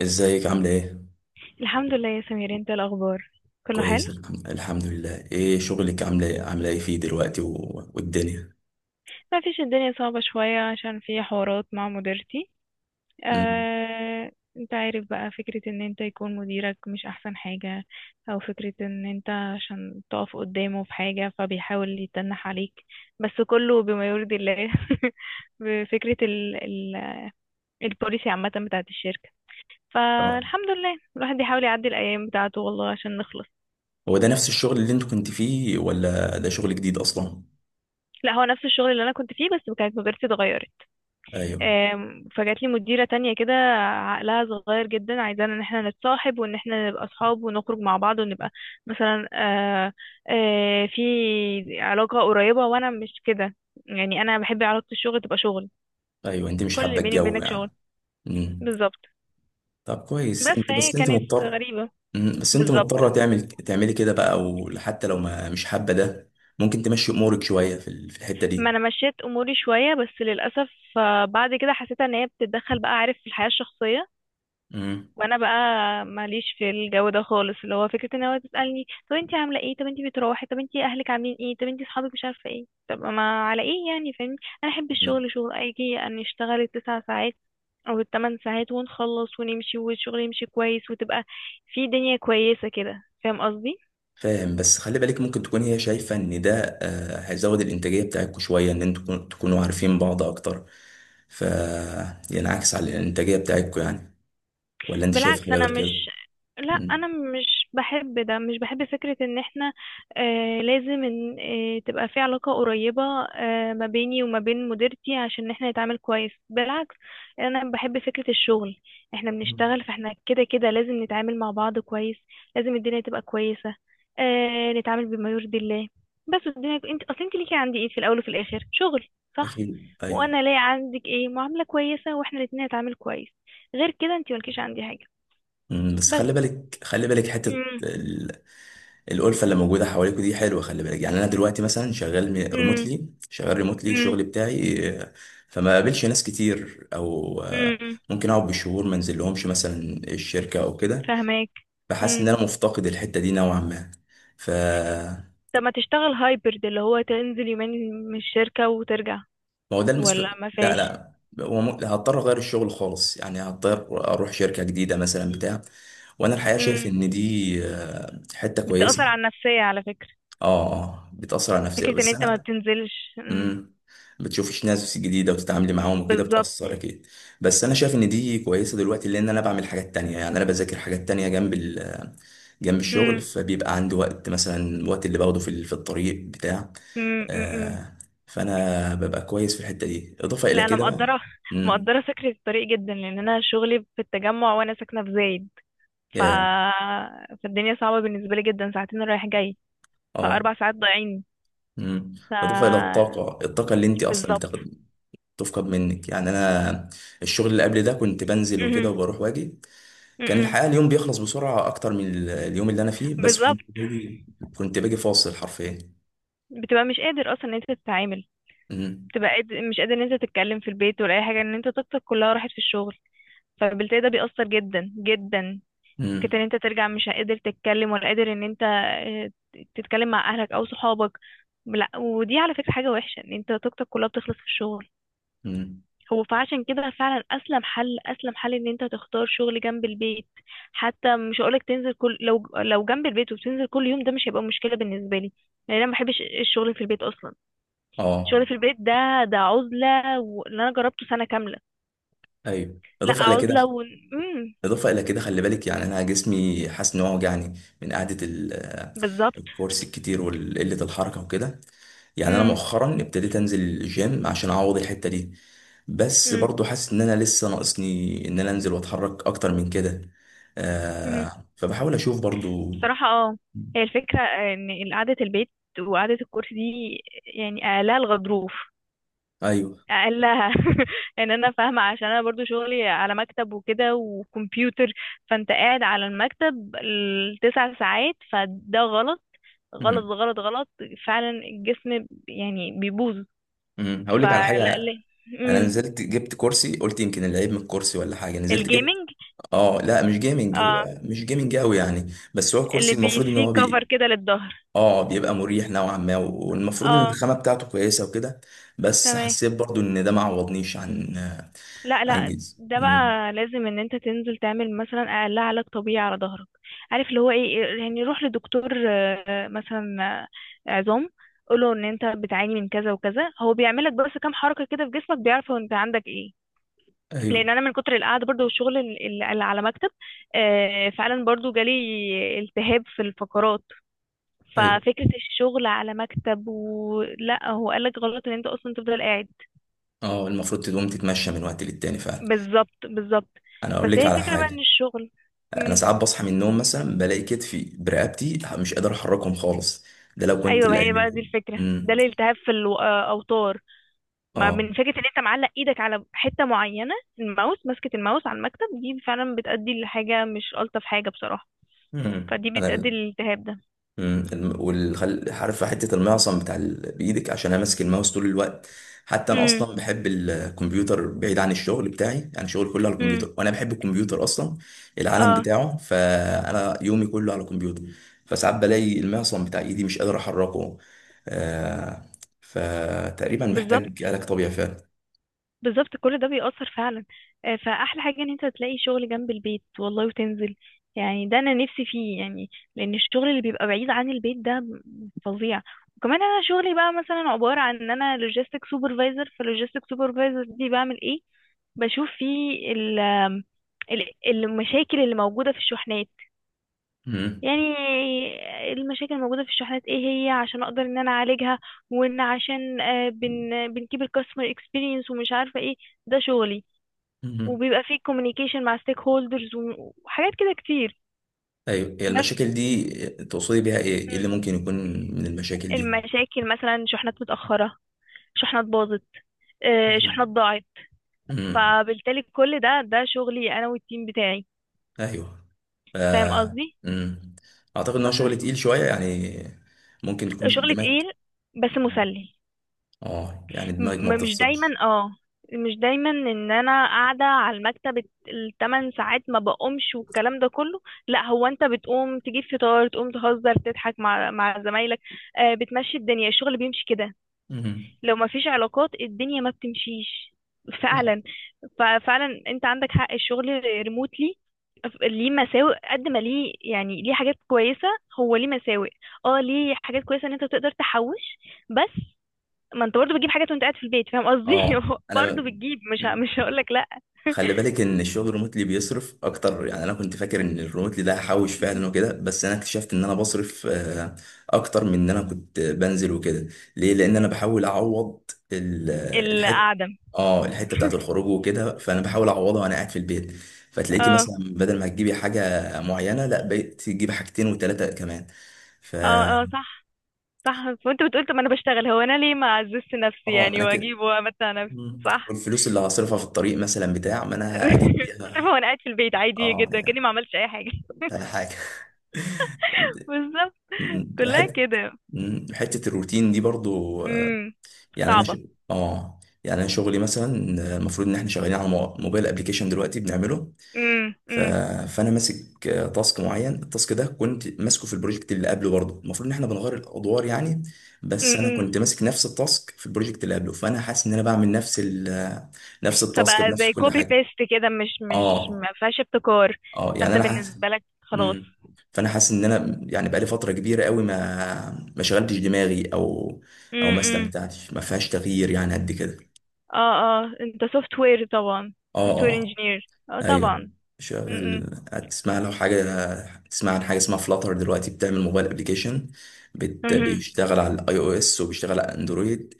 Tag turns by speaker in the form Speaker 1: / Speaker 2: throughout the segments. Speaker 1: ازيك عاملة ايه؟
Speaker 2: الحمد لله يا سمير، انت إيه الاخبار؟ كله حلو.
Speaker 1: كويس. الحمد لله. ايه شغلك؟ عاملة ايه؟ عاملة ايه فيه دلوقتي والدنيا؟
Speaker 2: ما فيش، الدنيا صعبة شوية عشان في حوارات مع مديرتي.
Speaker 1: مم.
Speaker 2: آه، انت عارف بقى فكرة ان انت يكون مديرك مش احسن حاجة، او فكرة ان انت عشان تقف قدامه في حاجة فبيحاول يتنح عليك. بس كله بما يرضي الله. بفكرة ال البوليسي عامة بتاعت الشركة.
Speaker 1: اه،
Speaker 2: فالحمد لله الواحد بيحاول يعدي الايام بتاعته والله عشان نخلص.
Speaker 1: هو ده نفس الشغل اللي انت كنت فيه ولا ده شغل جديد اصلا؟
Speaker 2: لا، هو نفس الشغل اللي انا كنت فيه بس كانت مديرتي اتغيرت.
Speaker 1: ايوه،
Speaker 2: فجات لي مديرة تانية كده، عقلها صغير جدا، عايزانا ان احنا نتصاحب وان احنا نبقى اصحاب ونخرج مع بعض ونبقى مثلا في علاقة قريبة، وانا مش كده. يعني انا بحب علاقة الشغل تبقى شغل.
Speaker 1: ايوه، انت مش
Speaker 2: كل اللي
Speaker 1: حابة
Speaker 2: بيني
Speaker 1: الجو
Speaker 2: وبينك شغل.
Speaker 1: يعني. مم.
Speaker 2: بالظبط.
Speaker 1: طب كويس،
Speaker 2: بس
Speaker 1: انت
Speaker 2: فهي
Speaker 1: بس انت
Speaker 2: كانت
Speaker 1: مضطر.
Speaker 2: غريبة.
Speaker 1: مم. بس انت
Speaker 2: بالظبط.
Speaker 1: مضطرة تعملي كده بقى، وحتى لو ما مش حابة ده، ممكن تمشي امورك شوية في الحتة
Speaker 2: ما
Speaker 1: دي.
Speaker 2: انا مشيت اموري شوية بس للأسف بعد كده حسيت ان هي بتتدخل بقى، عارف، في الحياة الشخصية.
Speaker 1: مم.
Speaker 2: وانا بقى ماليش في الجو ده خالص، اللي هو فكره ان هو تسالني طب انتي عامله ايه، طب انتي بتروحي، طب انتي اهلك عاملين ايه، طب انتي اصحابك مش عارفه ايه، طب ما على ايه يعني، فاهمني. انا احب الشغل شغل، اجي ان اشتغل الـ9 ساعات او الـ8 ساعات ونخلص ونمشي والشغل يمشي كويس، وتبقى في دنيا كويسه كده. فاهم قصدي؟
Speaker 1: فاهم، بس خلي بالك، ممكن تكون هي شايفة ان ده هيزود الانتاجية بتاعتكم شوية، ان انتوا تكونوا عارفين بعض اكتر، ف ينعكس على الانتاجية بتاعتكم يعني. ولا انت شايف
Speaker 2: بالعكس،
Speaker 1: حاجة
Speaker 2: انا
Speaker 1: غير كده؟
Speaker 2: مش، لا انا
Speaker 1: مم.
Speaker 2: مش بحب ده، مش بحب فكرة ان احنا آه لازم ان تبقى في علاقة قريبة آه ما بيني وما بين مديرتي عشان احنا نتعامل كويس. بالعكس، انا بحب فكرة الشغل، احنا
Speaker 1: مم.
Speaker 2: بنشتغل، فاحنا كده كده لازم نتعامل مع بعض كويس، لازم الدنيا تبقى كويسة، نتعامل بما يرضي الله. بس الدنيا، انت اصل انت ليكي عندي ايه في الاول وفي الاخر؟ شغل. صح.
Speaker 1: اكيد، ايوه.
Speaker 2: وانا ليا عندك ايه؟ معاملة كويسة، واحنا الاتنين نتعامل كويس. غير كده انت ملكيش عندي حاجة.
Speaker 1: مم، بس
Speaker 2: بس.
Speaker 1: خلي بالك، خلي بالك
Speaker 2: امم.
Speaker 1: الألفة اللي موجودة حواليكوا دي حلوة. خلي بالك يعني، انا دلوقتي مثلا شغال
Speaker 2: امم.
Speaker 1: ريموتلي شغال ريموتلي
Speaker 2: امم.
Speaker 1: الشغل بتاعي فما قابلش ناس كتير، او
Speaker 2: امم.
Speaker 1: ممكن اقعد بالشهور ما انزل لهمش مثلا الشركة او كده.
Speaker 2: فهماك.
Speaker 1: بحس ان
Speaker 2: امم.
Speaker 1: انا مفتقد الحته دي نوعا ما. ف
Speaker 2: طب ما تشتغل هايبرد، اللي هو تنزل يومين من الشركة وترجع؟
Speaker 1: ما هو ده المسلوق.
Speaker 2: ولا ما
Speaker 1: لا،
Speaker 2: فيش؟
Speaker 1: لا، هضطر اغير الشغل خالص يعني، هضطر اروح شركه جديده مثلا بتاع. وانا الحقيقه شايف
Speaker 2: امم.
Speaker 1: ان دي حته كويسه.
Speaker 2: بتأثر على النفسية على فكرة،
Speaker 1: اه، اه، بتاثر على نفسي،
Speaker 2: فكرة ان
Speaker 1: بس
Speaker 2: انت ما
Speaker 1: انا
Speaker 2: بتنزلش.
Speaker 1: امم بتشوفيش ناس جديده وتتعاملي معاهم وكده،
Speaker 2: بالظبط.
Speaker 1: بتاثر اكيد. بس انا شايف ان دي كويسه دلوقتي لان انا بعمل حاجات تانية يعني، انا بذاكر حاجات تانية جنب ال جنب الشغل،
Speaker 2: امم.
Speaker 1: فبيبقى عندي وقت مثلا، الوقت اللي باخده في الطريق بتاع
Speaker 2: امم. امم.
Speaker 1: آه، فانا ببقى كويس في الحته دي اضافه الى
Speaker 2: لا انا
Speaker 1: كده بقى.
Speaker 2: مقدرة،
Speaker 1: امم
Speaker 2: مقدرة فكرة الطريق جدا لان انا شغلي في التجمع وانا ساكنة في زايد ف...
Speaker 1: يا
Speaker 2: فالدنيا صعبة بالنسبة لي جدا، ساعتين رايح جاي،
Speaker 1: اه
Speaker 2: فاربع ساعات ضايعين.
Speaker 1: امم
Speaker 2: ف
Speaker 1: اضافه الى الطاقه اللي انت اصلا
Speaker 2: بالظبط.
Speaker 1: بتاخد، تفقد منك يعني. انا الشغل اللي قبل ده كنت بنزل
Speaker 2: مهم.
Speaker 1: وكده وبروح واجي، كان
Speaker 2: مهم.
Speaker 1: الحقيقه اليوم بيخلص بسرعه اكتر من اليوم اللي انا فيه، بس كنت
Speaker 2: بالظبط.
Speaker 1: باجي كنت باجي فاصل حرفيا.
Speaker 2: بتبقى مش قادر اصلا ان انت تتعامل،
Speaker 1: امم.
Speaker 2: بتبقى قادر، مش قادر ان انت تتكلم في البيت ولا اي حاجه، ان انت طاقتك كلها راحت في الشغل، فبالتالي ده بيأثر جدا جدا، فكرة ان
Speaker 1: امم.
Speaker 2: انت ترجع مش قادر تتكلم ولا قادر ان انت تتكلم مع اهلك او صحابك. لا ودي على فكره حاجه وحشه ان انت طاقتك كلها بتخلص في الشغل.
Speaker 1: امم.
Speaker 2: هو فعشان كده فعلا اسلم حل، اسلم حل ان انت تختار شغل جنب البيت. حتى مش هقولك تنزل كل، لو جنب البيت وبتنزل كل يوم ده مش هيبقى مشكله بالنسبه لي، لان انا ما بحبش الشغل في البيت اصلا.
Speaker 1: اه.
Speaker 2: الشغل في البيت ده عزلة، واللي انا جربته سنة كاملة.
Speaker 1: ايوه،
Speaker 2: لا
Speaker 1: اضافه الى كده،
Speaker 2: عزلة و امم.
Speaker 1: خلي بالك يعني، انا جسمي حاسس ان هو وجعني من قعده
Speaker 2: بالظبط.
Speaker 1: الكرسي الكتير وقله الحركه وكده، يعني انا
Speaker 2: امم.
Speaker 1: مؤخرا ابتديت انزل الجيم عشان اعوض الحته دي. بس
Speaker 2: امم.
Speaker 1: برضو حاسس ان انا لسه ناقصني ان انا انزل واتحرك اكتر من كده،
Speaker 2: امم.
Speaker 1: آه فبحاول اشوف برضو.
Speaker 2: بصراحة، اه، هي الفكرة ان قعدة البيت وقعدة الكرسي دي، يعني اقلها الغضروف،
Speaker 1: ايوه.
Speaker 2: اقلها. ان انا فاهمة عشان انا برضو شغلي على مكتب وكده وكمبيوتر. فانت قاعد على المكتب الـ9 ساعات فده غلط، غلط
Speaker 1: امم.
Speaker 2: غلط غلط. فعلا الجسم يعني بيبوظ.
Speaker 1: امم، هقول لك على
Speaker 2: فلا
Speaker 1: حاجه.
Speaker 2: ليه.
Speaker 1: انا
Speaker 2: امم.
Speaker 1: نزلت جبت كرسي، قلت يمكن العيب من الكرسي ولا حاجه، نزلت جبت.
Speaker 2: الجيمنج.
Speaker 1: اه، لا، مش جيمنج،
Speaker 2: اه،
Speaker 1: هو مش جيمنج قوي يعني، بس هو
Speaker 2: اللي
Speaker 1: كرسي
Speaker 2: بي
Speaker 1: المفروض ان
Speaker 2: فيه
Speaker 1: هو
Speaker 2: كفر
Speaker 1: بي.
Speaker 2: كده للظهر.
Speaker 1: اه بيبقى مريح نوعا ما، والمفروض ان
Speaker 2: اه.
Speaker 1: الخامه بتاعته كويسه وكده، بس
Speaker 2: تمام.
Speaker 1: حسيت برضو ان ده ما عوضنيش عن.
Speaker 2: لا لا،
Speaker 1: جيز.
Speaker 2: ده
Speaker 1: مم.
Speaker 2: بقى لازم ان انت تنزل تعمل مثلا اقل علاج طبيعي على ظهرك. عارف اللي هو ايه، يعني روح لدكتور مثلا عظام، قوله ان انت بتعاني من كذا وكذا، هو بيعملك بس كام حركة كده في جسمك بيعرف هو انت عندك ايه. لان
Speaker 1: ايوه.
Speaker 2: انا من كتر القعده برضو والشغل اللي على مكتب فعلا برضو جالي التهاب في الفقرات.
Speaker 1: ايوه.
Speaker 2: ففكرة الشغل على مكتب، ولا هو قالك غلط ان انت اصلا تفضل قاعد.
Speaker 1: اه، المفروض تقوم تتمشى من وقت للتاني فعلا.
Speaker 2: بالظبط بالظبط.
Speaker 1: انا
Speaker 2: بس
Speaker 1: اقول لك
Speaker 2: هي
Speaker 1: على
Speaker 2: فكرة بقى ان
Speaker 1: حاجه.
Speaker 2: الشغل.
Speaker 1: انا
Speaker 2: مم.
Speaker 1: ساعات بصحى من النوم مثلا بلاقي كتفي برقبتي مش قادر احركهم خالص، ده لو كنت
Speaker 2: ايوه، ما هي
Speaker 1: الايام
Speaker 2: بقى
Speaker 1: اللي.
Speaker 2: دي الفكرة، ده
Speaker 1: امم.
Speaker 2: الالتهاب في الاوتار. ما
Speaker 1: اه.
Speaker 2: من فكرة ان انت معلق ايدك على حتة معينة، الماوس، ماسكة الماوس على المكتب، دي فعلا بتأدي لحاجة مش ألطف حاجة بصراحة.
Speaker 1: مم.
Speaker 2: فدي بتأدي
Speaker 1: انا
Speaker 2: للالتهاب ده.
Speaker 1: عارف حته المعصم بتاع بايدك، عشان انا ماسك الماوس طول الوقت. حتى انا
Speaker 2: امم.
Speaker 1: اصلا بحب الكمبيوتر بعيد عن الشغل بتاعي، انا شغلي كله على
Speaker 2: امم.
Speaker 1: الكمبيوتر، وانا بحب الكمبيوتر اصلا العالم
Speaker 2: اه.
Speaker 1: بتاعه، فانا يومي كله على الكمبيوتر. فساعات بلاقي المعصم بتاع ايدي مش قادر احركه، آه... فتقريبا
Speaker 2: بالظبط
Speaker 1: محتاج علاج طبيعي فعلا.
Speaker 2: بالظبط، كل ده بيأثر فعلا. فأحلى حاجة إن أنت تلاقي شغل جنب البيت والله وتنزل، يعني ده أنا نفسي فيه يعني. لأن الشغل اللي بيبقى بعيد عن البيت ده فظيع. وكمان أنا شغلي بقى مثلا عبارة عن إن أنا لوجيستيك سوبرفايزر، فاللوجيستيك سوبرفايزر دي بعمل إيه؟ بشوف فيه ال المشاكل اللي موجودة في الشحنات،
Speaker 1: امم.
Speaker 2: يعني، المشاكل الموجودة في الشحنات ايه هي، عشان اقدر ان انا اعالجها، وان عشان آه، بن بنكيب الكاستمر اكسبيرينس ومش عارفة ايه. ده شغلي.
Speaker 1: امم.
Speaker 2: وبيبقى فيه كوميونيكيشن مع ستيك هولدرز وحاجات كده كتير.
Speaker 1: ايوه، هي
Speaker 2: بس.
Speaker 1: المشاكل دي تقصدي بيها ايه؟ إيه
Speaker 2: مم.
Speaker 1: اللي ممكن يكون من المشاكل دي؟
Speaker 2: المشاكل مثلا شحنات متأخرة، شحنات باظت، شحنات
Speaker 1: أيوة.
Speaker 2: ضاعت.
Speaker 1: امم.
Speaker 2: فبالتالي كل ده، ده شغلي انا والتيم بتاعي.
Speaker 1: ايوه. ف...
Speaker 2: فاهم قصدي؟
Speaker 1: مم. اعتقد ان
Speaker 2: ف-
Speaker 1: هو شغل
Speaker 2: ف-
Speaker 1: تقيل شويه يعني، ممكن تكون
Speaker 2: شغل
Speaker 1: دماغك،
Speaker 2: تقيل بس مسلي.
Speaker 1: اه يعني دماغك ما
Speaker 2: مش دايما،
Speaker 1: بتفصلش.
Speaker 2: اه مش دايما ان انا قاعده على المكتب الـ8 ساعات ما بقومش والكلام ده كله. لا، هو انت بتقوم تجيب فطار، تقوم تهزر تضحك مع زمايلك بتمشي الدنيا، الشغل بيمشي كده.
Speaker 1: مم.
Speaker 2: لو ما فيش علاقات الدنيا ما بتمشيش
Speaker 1: لا.
Speaker 2: فعلا. ففعلا انت عندك حق، الشغل ريموتلي ليه مساوئ قد ما ليه يعني ليه حاجات كويسة. هو ليه مساوئ، اه ليه حاجات كويسة ان انت تقدر تحوش. بس ما انت برضه بتجيب حاجات وانت قاعد في البيت فاهم قصدي.
Speaker 1: اه، انا.
Speaker 2: برضه بتجيب، مش هقول لك لا.
Speaker 1: خلي بالك ان الشغل الريموتلي بيصرف اكتر، يعني انا كنت فاكر ان الريموتلي ده هحوش فعلا وكده، بس انا اكتشفت ان انا بصرف اكتر من ان انا كنت بنزل وكده. ليه؟ لان انا بحاول اعوض ال- الحته،
Speaker 2: القعدة.
Speaker 1: اه الحته بتاعت الخروج وكده، فانا بحاول اعوضها وانا قاعد في البيت. فتلاقيكي
Speaker 2: اه
Speaker 1: مثلا، بدل ما تجيبي حاجه معينه، لا، بقيت تجيبي حاجتين وثلاثه كمان. ف
Speaker 2: اه. اه صح. صح. وانت بتقول طب ما انا بشتغل، هو انا ليه ما اعززش نفسي
Speaker 1: اه
Speaker 2: يعني،
Speaker 1: انا كده.
Speaker 2: واجيب وامتع نفسي.
Speaker 1: مم.
Speaker 2: صح.
Speaker 1: والفلوس اللي هصرفها في الطريق مثلا بتاع، ما انا اجيب
Speaker 2: شايفه،
Speaker 1: بيها.
Speaker 2: وانا قاعد في البيت عادي
Speaker 1: اه
Speaker 2: جدا كاني ما عملتش اي حاجه.
Speaker 1: بقى حاجه.
Speaker 2: بالظبط.
Speaker 1: مم.
Speaker 2: كلها
Speaker 1: حته.
Speaker 2: كده.
Speaker 1: مم. حته الروتين دي برضو
Speaker 2: امم.
Speaker 1: يعني انا
Speaker 2: صعبه.
Speaker 1: اه. يعني انا شغلي مثلا المفروض ان احنا شغالين على موبايل ابلكيشن دلوقتي بنعمله.
Speaker 2: امم.
Speaker 1: ف...
Speaker 2: امم.
Speaker 1: فانا ماسك تاسك معين. التاسك ده كنت ماسكه في البروجكت اللي قبله برضو، المفروض ان احنا بنغير الادوار يعني، بس
Speaker 2: امم.
Speaker 1: انا
Speaker 2: امم.
Speaker 1: كنت ماسك نفس التاسك في البروجكت اللي قبله، فانا حاسس ان انا بعمل نفس التاسك
Speaker 2: فبقى
Speaker 1: بنفس
Speaker 2: زي
Speaker 1: كل
Speaker 2: كوبي
Speaker 1: حاجه.
Speaker 2: بيست كده، مش
Speaker 1: اه،
Speaker 2: ما فيهاش ابتكار.
Speaker 1: اه، يعني
Speaker 2: فانت
Speaker 1: انا حاسس.
Speaker 2: بالنسبه لك خلاص.
Speaker 1: امم. فانا حاسس ان انا يعني بقالي فتره كبيره قوي ما شغلتش دماغي، او
Speaker 2: امم.
Speaker 1: ما
Speaker 2: امم.
Speaker 1: استمتعتش، ما فيهاش تغيير يعني قد كده.
Speaker 2: اه اه. انت سوفت وير طبعا،
Speaker 1: اه.
Speaker 2: سوفت وير
Speaker 1: اه.
Speaker 2: انجينير، اه
Speaker 1: ايوه،
Speaker 2: طبعا. امم.
Speaker 1: شغل، هتسمع لو حاجه، تسمع عن حاجه اسمها فلاتر، دلوقتي بتعمل موبايل ابلكيشن
Speaker 2: امم.
Speaker 1: بيشتغل على الاي او اس وبيشتغل على اندرويد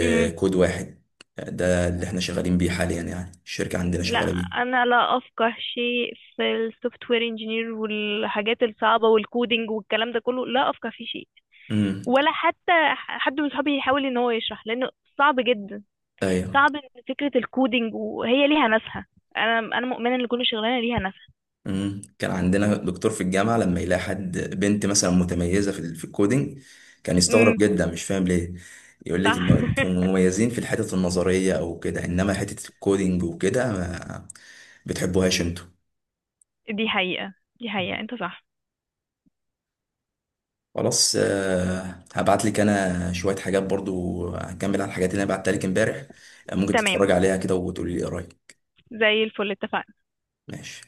Speaker 2: امم.
Speaker 1: واحد. ده اللي احنا شغالين بيه حاليا يعني، الشركه عندنا
Speaker 2: لا،
Speaker 1: شغاله بيه.
Speaker 2: انا لا افقه شيء في السوفت وير انجينير والحاجات الصعبه والكودينج والكلام ده كله، لا افقه فيه شيء.
Speaker 1: امم.
Speaker 2: ولا حتى حد من صحابي يحاول ان هو يشرح، لانه صعب جدا.
Speaker 1: ايوه.
Speaker 2: صعب ان فكره الكودينج وهي ليها ناسها. انا، انا مؤمنه ان كل شغلانه ليها ناسها.
Speaker 1: مم. كان عندنا دكتور في الجامعة لما يلاقي حد بنت مثلا متميزة في الكودينج، كان يستغرب
Speaker 2: امم.
Speaker 1: جدا، مش فاهم ليه. يقول لك
Speaker 2: صح.
Speaker 1: انه انتم مميزين في الحتة النظرية او كده، انما حتة الكودينج وكده ما بتحبوهاش انتوا.
Speaker 2: دي حقيقه، دي حقيقه، انت صح.
Speaker 1: خلاص، هبعت لك انا شوية حاجات برضو، هكمل على الحاجات اللي انا بعتها لك امبارح، ممكن
Speaker 2: تمام.
Speaker 1: تتفرج عليها كده وتقولي لي ايه رأيك.
Speaker 2: زي الفل، اتفقنا.
Speaker 1: ماشي.